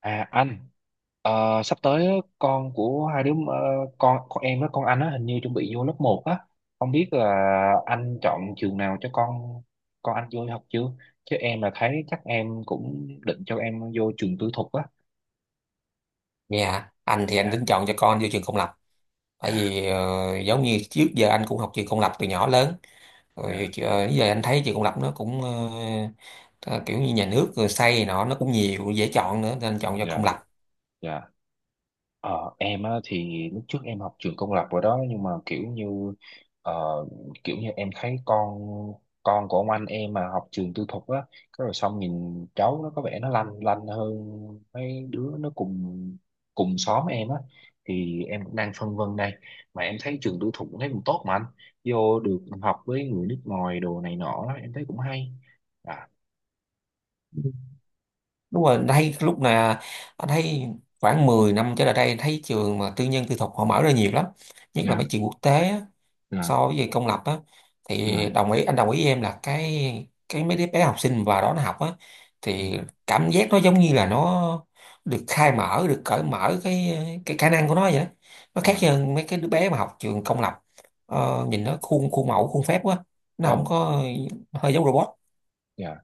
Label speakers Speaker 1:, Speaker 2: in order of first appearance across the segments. Speaker 1: À anh, ờ, sắp tới á, con của hai đứa, con em với con anh á, hình như chuẩn bị vô lớp 1 á. Không biết là anh chọn trường nào cho con anh vô học chưa, chứ em là thấy chắc em cũng định cho em vô trường tư thục á.
Speaker 2: Dạ, anh thì anh
Speaker 1: Dạ.
Speaker 2: tính chọn cho con vô trường công lập. Bởi
Speaker 1: Dạ.
Speaker 2: vì giống như trước giờ anh cũng học trường công lập từ nhỏ lớn. Rồi
Speaker 1: Dạ.
Speaker 2: giờ anh thấy trường công lập nó cũng ờ, kiểu như nhà nước rồi xây nọ nó cũng nhiều dễ chọn nữa nên anh chọn cho
Speaker 1: Dạ.
Speaker 2: công lập.
Speaker 1: Dạ. Ờ, em á, thì lúc trước em học trường công lập rồi đó, nhưng mà kiểu như ờ, kiểu như em thấy con của ông anh em mà học trường tư thục á, cái rồi xong nhìn cháu nó có vẻ nó lanh lanh hơn mấy đứa nó cùng, cùng xóm em á. Thì em cũng đang phân vân đây, mà em thấy trường tư thục cũng thấy cũng tốt mà anh, vô được học với người nước ngoài đồ này nọ em thấy cũng hay. À.
Speaker 2: Đúng rồi, anh thấy lúc nào anh thấy khoảng 10 năm trở lại đây anh thấy trường mà tư nhân tư thục họ mở ra nhiều lắm. Nhất là
Speaker 1: Dạ.
Speaker 2: mấy trường quốc tế á.
Speaker 1: Dạ.
Speaker 2: So với về công lập á thì
Speaker 1: Dạ.
Speaker 2: đồng ý anh đồng ý với em là cái mấy đứa bé học sinh vào đó nó học á
Speaker 1: Ừ.
Speaker 2: thì cảm giác nó giống như là nó được khai mở, được cởi mở cái khả năng của nó vậy đó, nó khác
Speaker 1: Dạ.
Speaker 2: hơn mấy cái đứa bé mà học trường công lập. Nhìn nó khuôn khuôn mẫu khuôn phép quá, nó không
Speaker 1: Vâng.
Speaker 2: có, hơi giống robot.
Speaker 1: Dạ.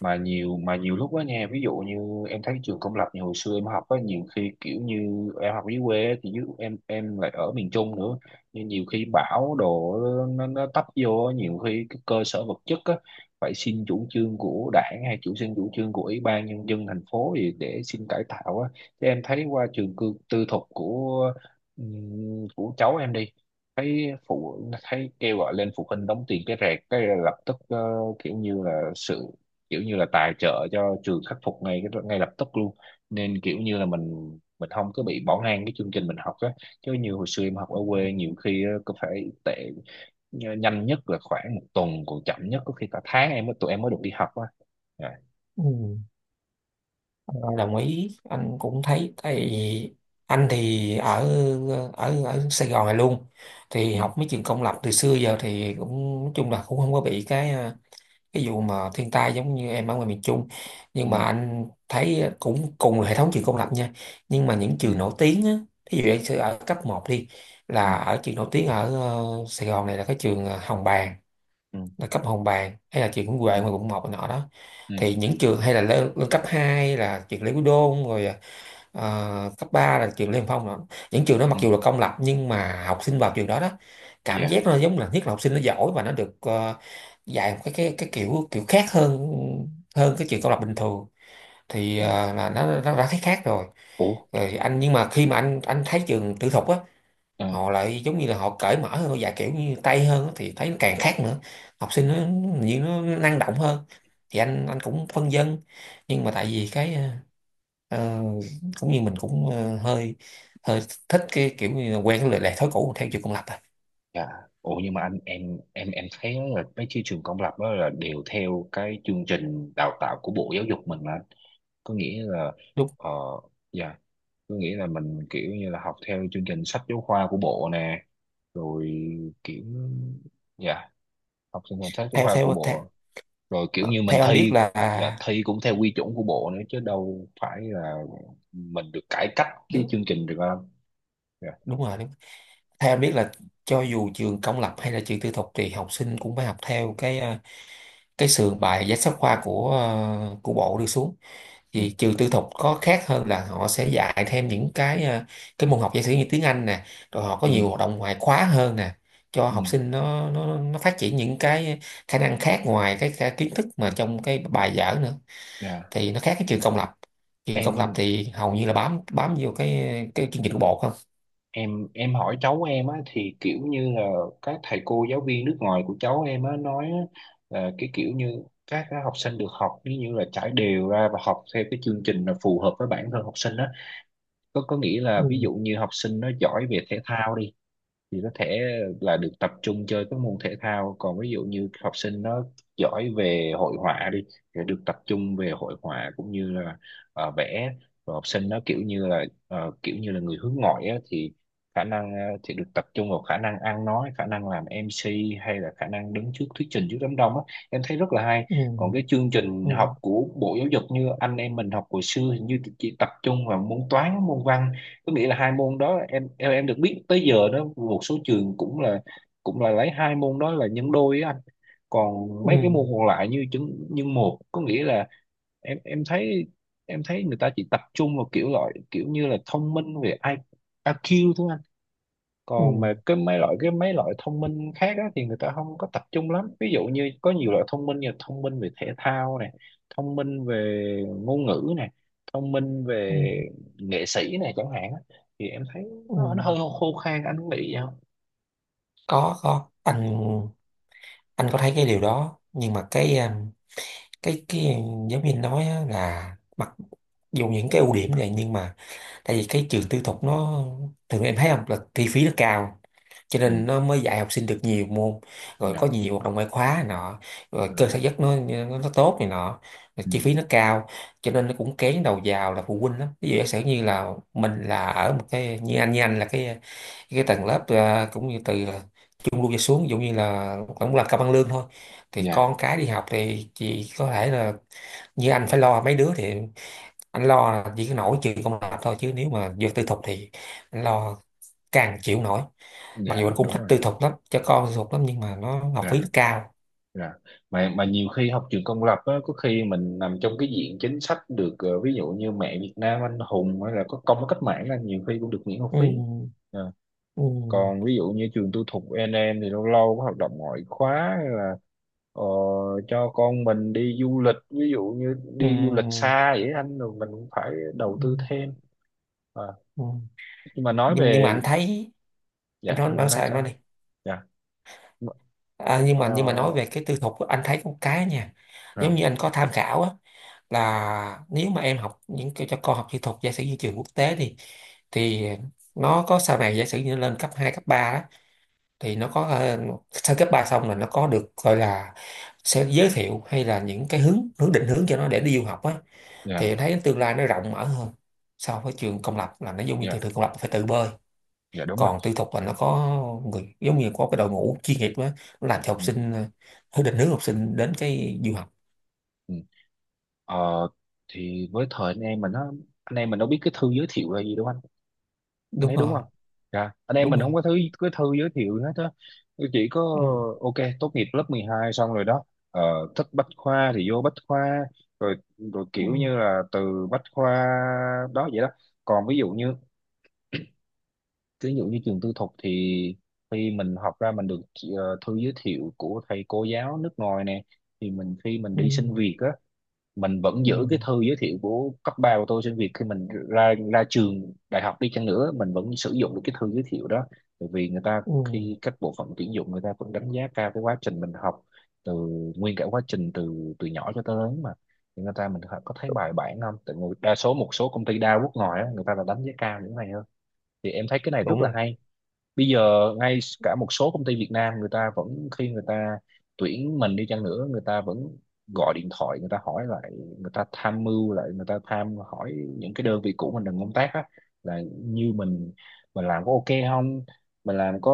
Speaker 1: Mà nhiều lúc đó nha, ví dụ như em thấy trường công lập như hồi xưa em học á, nhiều khi kiểu như em học dưới quê á, thì chứ em lại ở miền Trung nữa, nên nhiều khi bão đồ nó tấp vô á, nhiều khi cái cơ sở vật chất á phải xin chủ trương của đảng, hay xin chủ trương của ủy ban nhân dân thành phố gì để xin cải tạo á. Chứ em thấy qua trường cư, tư thục của, của cháu em đi, thấy phụ thấy kêu gọi lên phụ huynh đóng tiền cái rẹt cái là lập tức, kiểu như là sự, kiểu như là tài trợ cho trường khắc phục ngay cái ngay lập tức luôn, nên kiểu như là mình không có bị bỏ ngang cái chương trình mình học á. Chứ như hồi xưa em học ở quê nhiều khi á, có phải tệ, nhanh nhất là khoảng một tuần, còn chậm nhất có khi cả tháng em mới, tụi em mới được đi học á. Dạ.
Speaker 2: Ừ. Ờ, Đồng ý, anh cũng thấy tại vì anh thì ở ở ở Sài Gòn này luôn thì
Speaker 1: Ừ.
Speaker 2: học mấy trường công lập từ xưa giờ thì cũng nói chung là cũng không có bị cái cái vụ mà thiên tai giống như em ở ngoài miền Trung,
Speaker 1: Ừ.
Speaker 2: nhưng mà anh thấy cũng cùng là hệ thống trường công lập nha, nhưng mà những
Speaker 1: Ừ.
Speaker 2: trường nổi tiếng á, ví dụ anh sẽ ở cấp một đi,
Speaker 1: Ừ.
Speaker 2: là ở trường nổi tiếng ở Sài Gòn này là cái trường Hồng Bàng,
Speaker 1: Ừ.
Speaker 2: là cấp Hồng Bàng, hay là trường Nguyễn
Speaker 1: Ừ.
Speaker 2: Huệ ngoài quận 1 này nọ đó,
Speaker 1: Ừ.
Speaker 2: thì những trường hay là lên, cấp 2 là trường Lê Quý Đôn, rồi cấp 3 là trường Lê Hồng Phong đó. Những trường đó mặc
Speaker 1: Ừ.
Speaker 2: dù là công lập nhưng mà học sinh vào trường đó đó cảm
Speaker 1: Dạ.
Speaker 2: giác nó giống là nhất là học sinh nó giỏi và nó được dạy một cái kiểu kiểu khác hơn, cái trường công lập bình thường thì
Speaker 1: Dạ.
Speaker 2: là nó đã thấy khác rồi.
Speaker 1: Ủa.
Speaker 2: Rồi anh nhưng mà khi mà anh thấy trường tư thục á,
Speaker 1: ờ,
Speaker 2: họ lại giống như là họ cởi mở hơn và kiểu như Tây hơn á, thì thấy nó càng khác nữa, học sinh nó như nó năng động hơn, thì anh cũng phân vân, nhưng mà tại vì cái ờ, cũng như mình cũng hơi, hơi thích cái kiểu như là quen cái lề lề thói cũ theo chiều công lập à.
Speaker 1: dạ. Ủa nhưng mà anh, em em thấy là mấy cái trường công lập đó là đều theo cái chương trình đào tạo của Bộ Giáo dục mình mà, có nghĩa là
Speaker 2: Đúng.
Speaker 1: ờ, dạ, có nghĩa là mình kiểu như là học theo chương trình sách giáo khoa của bộ nè, rồi kiểu, dạ, học chương trình sách giáo
Speaker 2: Theo
Speaker 1: khoa của
Speaker 2: theo theo,
Speaker 1: bộ, rồi kiểu
Speaker 2: ờ,
Speaker 1: như mình
Speaker 2: Theo anh biết
Speaker 1: thi,
Speaker 2: là,
Speaker 1: dạ, thi cũng theo quy chuẩn của bộ nữa chứ đâu phải là mình được cải cách cái
Speaker 2: đúng,
Speaker 1: chương trình được không. Dạ.
Speaker 2: đúng rồi, đúng. Theo anh biết là cho dù trường công lập hay là trường tư thục thì học sinh cũng phải học theo cái cái sườn bài sách giáo khoa của bộ đưa xuống.
Speaker 1: Ừ.
Speaker 2: Vì trường tư thục có khác hơn là họ sẽ dạy thêm những cái cái môn học giả sử như tiếng Anh nè, rồi họ có
Speaker 1: Ừ.
Speaker 2: nhiều hoạt động ngoại khóa hơn nè, cho
Speaker 1: Ừ.
Speaker 2: học sinh nó phát triển những cái khả năng khác ngoài cái kiến thức mà trong cái bài vở nữa.
Speaker 1: Dạ.
Speaker 2: Thì nó khác cái trường công lập. Trường công lập
Speaker 1: Em,
Speaker 2: thì hầu như là bám bám vô cái chương trình của bộ không?
Speaker 1: em hỏi cháu em á, thì kiểu như là các thầy cô giáo viên nước ngoài của cháu em á nói á, là cái kiểu như các cái học sinh được học ví như là trải đều ra và học theo cái chương trình là phù hợp với bản thân học sinh á, có nghĩa là
Speaker 2: Ừ,
Speaker 1: ví dụ như học sinh nó giỏi về thể thao đi, thì có thể là được tập trung chơi các môn thể thao, còn ví dụ như học sinh nó giỏi về hội họa đi thì được tập trung về hội họa cũng như là vẽ, rồi học sinh nó kiểu như là kiểu như là người hướng ngoại á, thì khả năng thì được tập trung vào khả năng ăn nói, khả năng làm MC, hay là khả năng đứng trước thuyết trình trước đám đông á, em thấy rất là hay.
Speaker 2: ừ,
Speaker 1: Còn cái chương trình học
Speaker 2: ừ,
Speaker 1: của Bộ Giáo dục như anh em mình học hồi xưa hình như chỉ tập trung vào môn toán, môn văn, có nghĩa là hai môn đó em, em được biết tới giờ đó, một số trường cũng là lấy hai môn đó là nhân đôi á anh, còn
Speaker 2: ừ,
Speaker 1: mấy cái môn còn lại như chứng nhân một, có nghĩa là em, em thấy người ta chỉ tập trung vào kiểu loại, kiểu như là thông minh về IQ thôi anh,
Speaker 2: ừ,
Speaker 1: còn mà cái mấy loại thông minh khác á, thì người ta không có tập trung lắm, ví dụ như có nhiều loại thông minh như là thông minh về thể thao này, thông minh về ngôn ngữ này, thông minh
Speaker 2: ừ,
Speaker 1: về nghệ sĩ này chẳng hạn á. Thì em thấy
Speaker 2: ừ.
Speaker 1: nó hơi khô khan, anh có nghĩ vậy không?
Speaker 2: Có anh có thấy cái điều đó nhưng mà cái cái giáo viên nói á là mặc dù những cái ưu điểm này nhưng mà tại vì cái trường tư thục nó thường em thấy không là chi phí nó cao, cho
Speaker 1: Ừ.
Speaker 2: nên nó mới dạy học sinh được nhiều môn, rồi có
Speaker 1: Dạ.
Speaker 2: nhiều hoạt động ngoại khóa này nọ, rồi
Speaker 1: Ừ.
Speaker 2: cơ sở giấc nó, tốt này nọ, rồi
Speaker 1: Ừ.
Speaker 2: chi phí nó cao cho nên nó cũng kén đầu vào là phụ huynh lắm, ví dụ giả sử như là mình là ở một cái như anh, là cái tầng lớp cũng như từ trung lưu trở xuống, ví dụ như là cũng là cao bằng lương thôi, thì
Speaker 1: Dạ.
Speaker 2: con cái đi học thì chỉ có thể là như anh phải lo mấy đứa, thì anh lo là chỉ có nổi chuyện công lập thôi, chứ nếu mà việc tư thục thì anh lo càng chịu nổi. Mặc dù
Speaker 1: Dạ.
Speaker 2: anh cũng
Speaker 1: Đúng
Speaker 2: thích
Speaker 1: rồi.
Speaker 2: tư thục lắm, cho con tư thục lắm, nhưng mà nó học
Speaker 1: Dạ.
Speaker 2: phí nó cao.
Speaker 1: Dạ. Mà nhiều khi học trường công lập á, có khi mình nằm trong cái diện chính sách được, ví dụ như mẹ Việt Nam anh hùng hay là có công với cách mạng là nhiều khi cũng được miễn học
Speaker 2: Ừ,
Speaker 1: phí.
Speaker 2: ừ,
Speaker 1: Còn ví dụ như trường tư thục n em, thì lâu lâu có hoạt động ngoại khóa hay là ờ, cho con mình đi du lịch, ví dụ như
Speaker 2: ừ,
Speaker 1: đi du lịch xa vậy anh, rồi mình cũng phải
Speaker 2: ừ,
Speaker 1: đầu tư thêm. à,
Speaker 2: ừ.
Speaker 1: nhưng mà nói
Speaker 2: Nhưng mà
Speaker 1: về,
Speaker 2: anh thấy, em
Speaker 1: dạ
Speaker 2: nói,
Speaker 1: nhưng mà anh nói
Speaker 2: sao em nói
Speaker 1: sao.
Speaker 2: đi.
Speaker 1: Dạ.
Speaker 2: À,
Speaker 1: ờ,
Speaker 2: nhưng mà nói về cái tư thục á, anh thấy có một cái nha,
Speaker 1: dạ.
Speaker 2: giống như anh có tham khảo á, là nếu mà em học những cái cho con học kỹ thuật giả sử như trường quốc tế thì thì nó có sau này giả sử như lên cấp 2 cấp 3 đó, thì nó có sau cấp 3 xong là nó có được gọi là sẽ giới thiệu hay là những cái hướng hướng định hướng cho nó để đi du học á,
Speaker 1: Dạ.
Speaker 2: thì em thấy tương lai nó rộng mở hơn so với trường công lập là nó giống như thường
Speaker 1: Dạ.
Speaker 2: thường công lập phải tự bơi,
Speaker 1: Dạ, đúng rồi.
Speaker 2: còn tư thục là nó có người giống như có cái đội ngũ chuyên nghiệp á, nó làm cho học
Speaker 1: Ừ.
Speaker 2: sinh định hướng học sinh đến cái du học.
Speaker 1: Ừ. Ờ, thì với thời anh em mình nó, anh em mình đâu biết cái thư giới thiệu là gì đâu anh
Speaker 2: Đúng
Speaker 1: thấy đúng
Speaker 2: rồi,
Speaker 1: không? Dạ, anh em
Speaker 2: đúng
Speaker 1: mình không
Speaker 2: rồi.
Speaker 1: có thứ cái thư giới thiệu gì hết á, chỉ có
Speaker 2: Ừ.
Speaker 1: ok, tốt nghiệp lớp 12 xong rồi đó, ờ, thích Bách Khoa thì vô Bách Khoa, rồi rồi
Speaker 2: Ừ.
Speaker 1: kiểu như là từ Bách Khoa đó vậy đó. Còn ví dụ như, ví dụ như trường tư thục thì khi mình học ra mình được thư giới thiệu của thầy cô giáo nước ngoài nè, thì mình khi mình
Speaker 2: Ừ.
Speaker 1: đi xin việc á, mình vẫn
Speaker 2: Ừ.
Speaker 1: giữ cái thư giới thiệu của cấp 3 của tôi trên việc, khi mình ra ra trường đại học đi chăng nữa mình vẫn sử dụng được cái thư giới thiệu đó, bởi vì người ta,
Speaker 2: Ừ.
Speaker 1: khi các bộ phận tuyển dụng người ta vẫn đánh giá cao cái quá trình mình học từ, nguyên cả quá trình từ từ nhỏ cho tới lớn mà, thì người ta mình có thấy bài bản không, tại người, đa số một số công ty đa quốc ngoài á, người ta là đánh giá cao những cái này hơn, thì em thấy cái này rất
Speaker 2: Đúng
Speaker 1: là
Speaker 2: rồi.
Speaker 1: hay. Bây giờ ngay cả một số công ty Việt Nam người ta vẫn, khi người ta tuyển mình đi chăng nữa người ta vẫn gọi điện thoại người ta hỏi lại, người ta tham mưu lại, người ta tham hỏi những cái đơn vị cũ mình đang công tác á, là như mình làm có ok không, mình làm có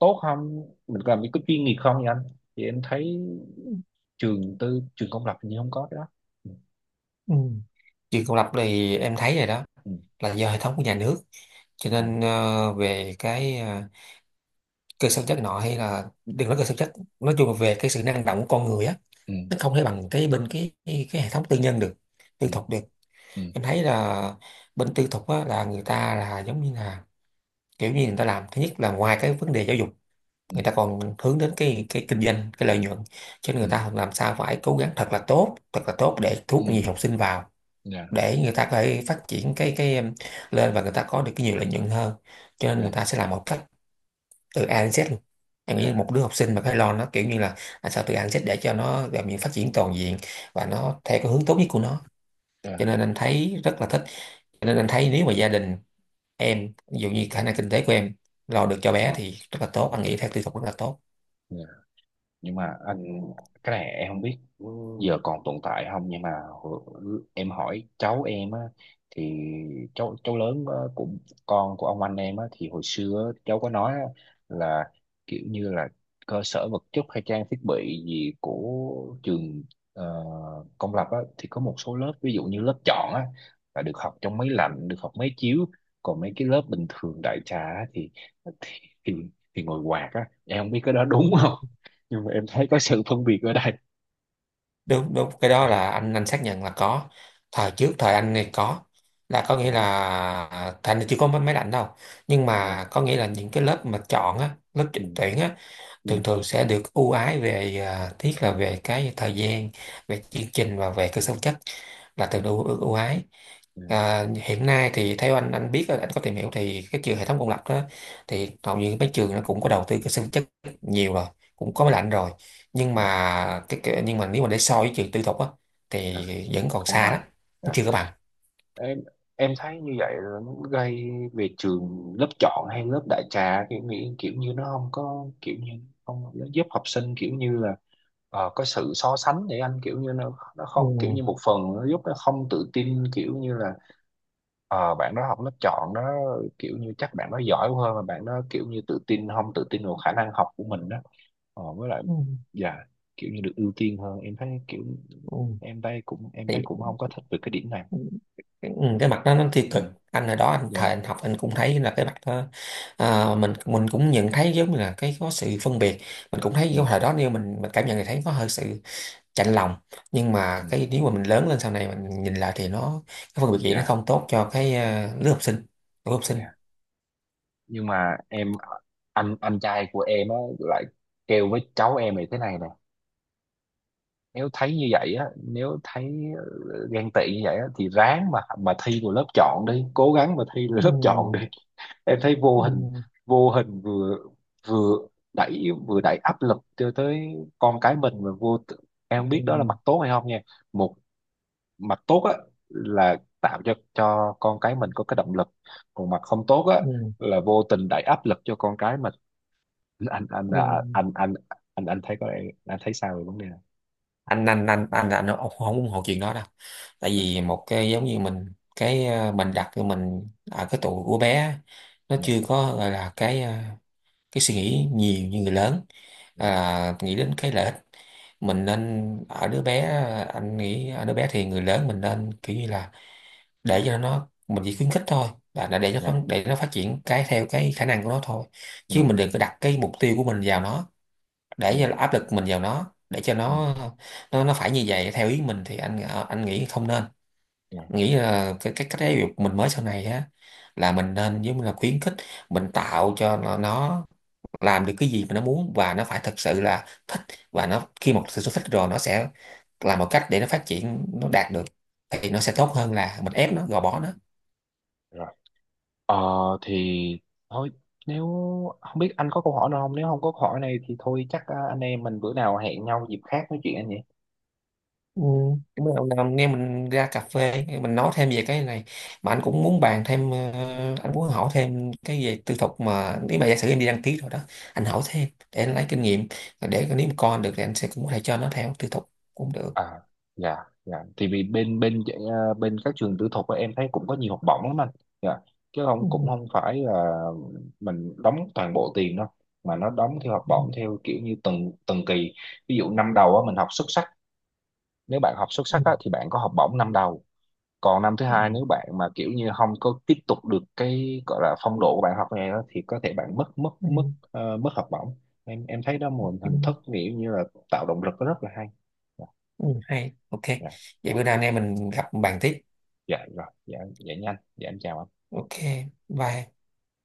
Speaker 1: tốt không, mình làm có chuyên nghiệp không, vậy anh. Thì em thấy
Speaker 2: Ừ.
Speaker 1: trường tư, trường công lập hình như không có cái đó. Ừ.
Speaker 2: Ừ. Trường công lập thì em thấy rồi đó
Speaker 1: Ừ.
Speaker 2: là do hệ thống của nhà nước, cho
Speaker 1: Dạ.
Speaker 2: nên về cái cơ sở chất nọ, hay là đừng nói cơ sở chất, nói chung là về cái sự năng động của con người á, nó
Speaker 1: Ừ.
Speaker 2: không thể bằng cái bên cái hệ thống tư nhân được, tư
Speaker 1: Ừ.
Speaker 2: thục được.
Speaker 1: Ừ.
Speaker 2: Em thấy là bên tư thục á, là người ta là giống như là kiểu như người ta làm, thứ nhất là ngoài cái vấn đề giáo dục,
Speaker 1: Ừ.
Speaker 2: người ta còn hướng đến cái kinh doanh, cái lợi nhuận, cho nên
Speaker 1: Ừ.
Speaker 2: người ta làm sao phải cố gắng thật là tốt, thật là tốt để thu
Speaker 1: Ừ.
Speaker 2: hút nhiều học sinh vào,
Speaker 1: Dạ.
Speaker 2: để người ta có thể phát triển cái em, lên và người ta có được cái nhiều lợi nhuận hơn, cho nên người
Speaker 1: Dạ.
Speaker 2: ta sẽ làm một cách từ A đến Z luôn. Em nghĩ
Speaker 1: Dạ.
Speaker 2: một đứa học sinh mà phải lo nó kiểu như là làm sao từ A đến Z để cho nó làm những phát triển toàn diện và nó theo cái hướng tốt nhất của nó, cho
Speaker 1: Dạ.
Speaker 2: nên anh thấy rất là thích. Cho nên anh thấy nếu mà gia đình em, ví dụ như khả năng kinh tế của em lo được cho bé
Speaker 1: ờ,
Speaker 2: thì rất là tốt, anh nghĩ theo tư tưởng rất là tốt.
Speaker 1: yeah. Nhưng mà anh, cái này em không biết giờ còn tồn tại không, nhưng mà em hỏi cháu em á, thì cháu cháu lớn á, của con của ông anh em á, thì hồi xưa á, cháu có nói á, là kiểu như là cơ sở vật chất hay trang thiết bị gì của trường, ờ, công lập á, thì có một số lớp ví dụ như lớp chọn á là được học trong máy lạnh, được học máy chiếu, còn mấy cái lớp bình thường đại trà á, thì, thì, thì ngồi quạt á, em không biết cái đó đúng không, nhưng mà em thấy có sự phân biệt ở đây.
Speaker 2: Đúng, cái đó
Speaker 1: Dạ.
Speaker 2: là anh xác nhận là có, thời trước thời anh này có, là có nghĩa
Speaker 1: Dạ.
Speaker 2: là thành thì chưa có mấy máy lạnh đâu, nhưng
Speaker 1: Dạ.
Speaker 2: mà có nghĩa là những cái lớp mà chọn á, lớp
Speaker 1: Ừ.
Speaker 2: tuyển á,
Speaker 1: Ừ.
Speaker 2: thường thường sẽ được ưu ái về tiếc là về cái thời gian, về chương trình và về cơ sở vật chất, là thường ưu, ưu ưu ái.
Speaker 1: Dạ.
Speaker 2: À, hiện nay thì theo anh, biết anh có tìm hiểu thì cái trường hệ thống công lập đó, thì hầu như mấy trường nó cũng có đầu tư cơ sở vật chất nhiều rồi, cũng có máy
Speaker 1: Dạ.
Speaker 2: lạnh rồi, nhưng
Speaker 1: Dạ.
Speaker 2: mà cái nhưng mà nếu mà để so với trường tư thục á
Speaker 1: Dạ.
Speaker 2: thì vẫn còn
Speaker 1: Không
Speaker 2: xa
Speaker 1: bằng.
Speaker 2: lắm,
Speaker 1: Dạ.
Speaker 2: chưa có bằng.
Speaker 1: Em em thấy như vậy là nó gây, về trường lớp chọn hay lớp đại trà kiểu nghĩ kiểu như nó không có kiểu như, không, nó giúp học sinh kiểu như là có sự so sánh để anh kiểu như nó
Speaker 2: Ừ.
Speaker 1: không kiểu như một phần nó giúp nó không tự tin kiểu như là bạn đó học lớp chọn đó, kiểu như chắc bạn đó giỏi hơn, mà bạn đó kiểu như tự tin không tự tin vào khả năng học của mình đó. Ờ, với lại,
Speaker 2: Ừ.
Speaker 1: dạ, kiểu như được ưu tiên hơn em thấy kiểu,
Speaker 2: Ừ.
Speaker 1: em thấy cũng, em thấy cũng không có thích về cái điểm này.
Speaker 2: Thì cái, cái mặt đó nó tiêu
Speaker 1: Ừ.
Speaker 2: cực, anh hồi đó anh thời
Speaker 1: Dạ.
Speaker 2: anh học anh cũng thấy là cái mặt đó, à, mình cũng nhận thấy giống như là cái có sự phân biệt, mình cũng thấy cái
Speaker 1: Ừ.
Speaker 2: thời đó nếu mình cảm nhận thì thấy có hơi sự chạnh lòng, nhưng
Speaker 1: Ừ.
Speaker 2: mà cái nếu mà mình lớn lên sau này mình nhìn lại thì nó cái phân biệt vậy nó
Speaker 1: Dạ.
Speaker 2: không tốt cho cái, à, lứa học sinh, lứa học sinh
Speaker 1: Dạ. Nhưng mà em, anh trai của em á lại kêu với cháu em này thế này nè, nếu thấy như vậy á, nếu thấy ờ, ghen tị như vậy á thì ráng mà thi vào lớp chọn đi, cố gắng mà thi vào
Speaker 2: ừ,
Speaker 1: lớp chọn đi. Em thấy
Speaker 2: ừ,
Speaker 1: vô hình vừa vừa vừa đẩy áp lực cho tới con cái mình, mà em không biết đó là
Speaker 2: ừ,
Speaker 1: mặt tốt hay không nha. Một mặt tốt á là tạo cho con cái mình có cái động lực, còn mặt không tốt á
Speaker 2: ừ,
Speaker 1: là vô tình đẩy áp lực cho con cái mình. anh anh
Speaker 2: ừ.
Speaker 1: à, anh anh anh anh thấy có anh thấy sao về vấn đề này?
Speaker 2: Anh Ông không ủng hộ chuyện đó đâu, tại vì một cái giống như mình cái mình đặt cho mình ở cái tuổi của bé á, nó
Speaker 1: Dạ.
Speaker 2: chưa có gọi là cái cái suy nghĩ nhiều như người lớn,
Speaker 1: Dạ.
Speaker 2: à, nghĩ đến cái lợi ích mình nên ở đứa bé. Anh nghĩ ở đứa bé thì người lớn mình nên kiểu như là để cho nó, mình chỉ khuyến khích thôi, là để nó
Speaker 1: Dạ.
Speaker 2: có để nó phát triển cái theo cái khả năng của nó thôi,
Speaker 1: Dạ.
Speaker 2: chứ mình đừng có đặt cái mục tiêu của mình vào nó, để cho
Speaker 1: Dạ.
Speaker 2: áp lực mình vào nó để cho
Speaker 1: Ừ.
Speaker 2: nó nó phải như vậy theo ý mình, thì anh anh nghĩ không nên,
Speaker 1: Dạ.
Speaker 2: nghĩ là cái cách giáo dục mình mới sau này á là mình nên giống như là khuyến khích, mình tạo cho nó làm được cái gì mà nó muốn và nó phải thật sự là thích, và nó khi một sự thích rồi nó sẽ làm một cách để nó phát triển nó đạt được, thì nó sẽ tốt hơn là mình ép nó gò bó nó.
Speaker 1: Rồi. ờ thì thôi, nếu, không biết anh có câu hỏi nào không, nếu không có câu hỏi này thì thôi chắc, anh em mình bữa nào hẹn nhau dịp khác nói chuyện anh nhỉ.
Speaker 2: Ừ, cảm ơn ông Nam nghe mình ra cà phê mình nói thêm về cái này, mà anh cũng muốn bàn thêm anh muốn hỏi thêm cái về tư thục, mà nếu mà giả sử em đi đăng ký rồi đó anh hỏi thêm để anh lấy kinh nghiệm, và để nếu mà con được thì anh sẽ cũng có thể cho nó theo tư thục cũng được.
Speaker 1: À. Dạ. Dạ. Thì vì bên bên à, bên các trường tư thục á, em thấy cũng có nhiều học bổng lắm anh. Dạ. Chứ không, cũng
Speaker 2: Ừ,
Speaker 1: không phải là mình đóng toàn bộ tiền đâu, mà nó đóng theo học bổng theo kiểu như từng từng kỳ, ví dụ năm đầu á, mình học xuất sắc, nếu bạn học xuất
Speaker 2: ừ,
Speaker 1: sắc á thì bạn có học bổng năm đầu, còn năm thứ
Speaker 2: ừ,
Speaker 1: hai nếu bạn mà kiểu như không có tiếp tục được cái gọi là phong độ của bạn học này đó, thì có thể bạn mất mất mất
Speaker 2: ừ,
Speaker 1: mất học bổng. Em thấy đó một
Speaker 2: ừ,
Speaker 1: hình thức kiểu như là tạo động lực rất là hay. Dạ.
Speaker 2: ừ, hay ok.
Speaker 1: Dạ. Dạ.
Speaker 2: Vậy bữa nào anh em mình gặp bàn tiếp.
Speaker 1: Dạ rồi. Dạ. Dạ nhanh. Dạ em chào.
Speaker 2: Ok. Bye.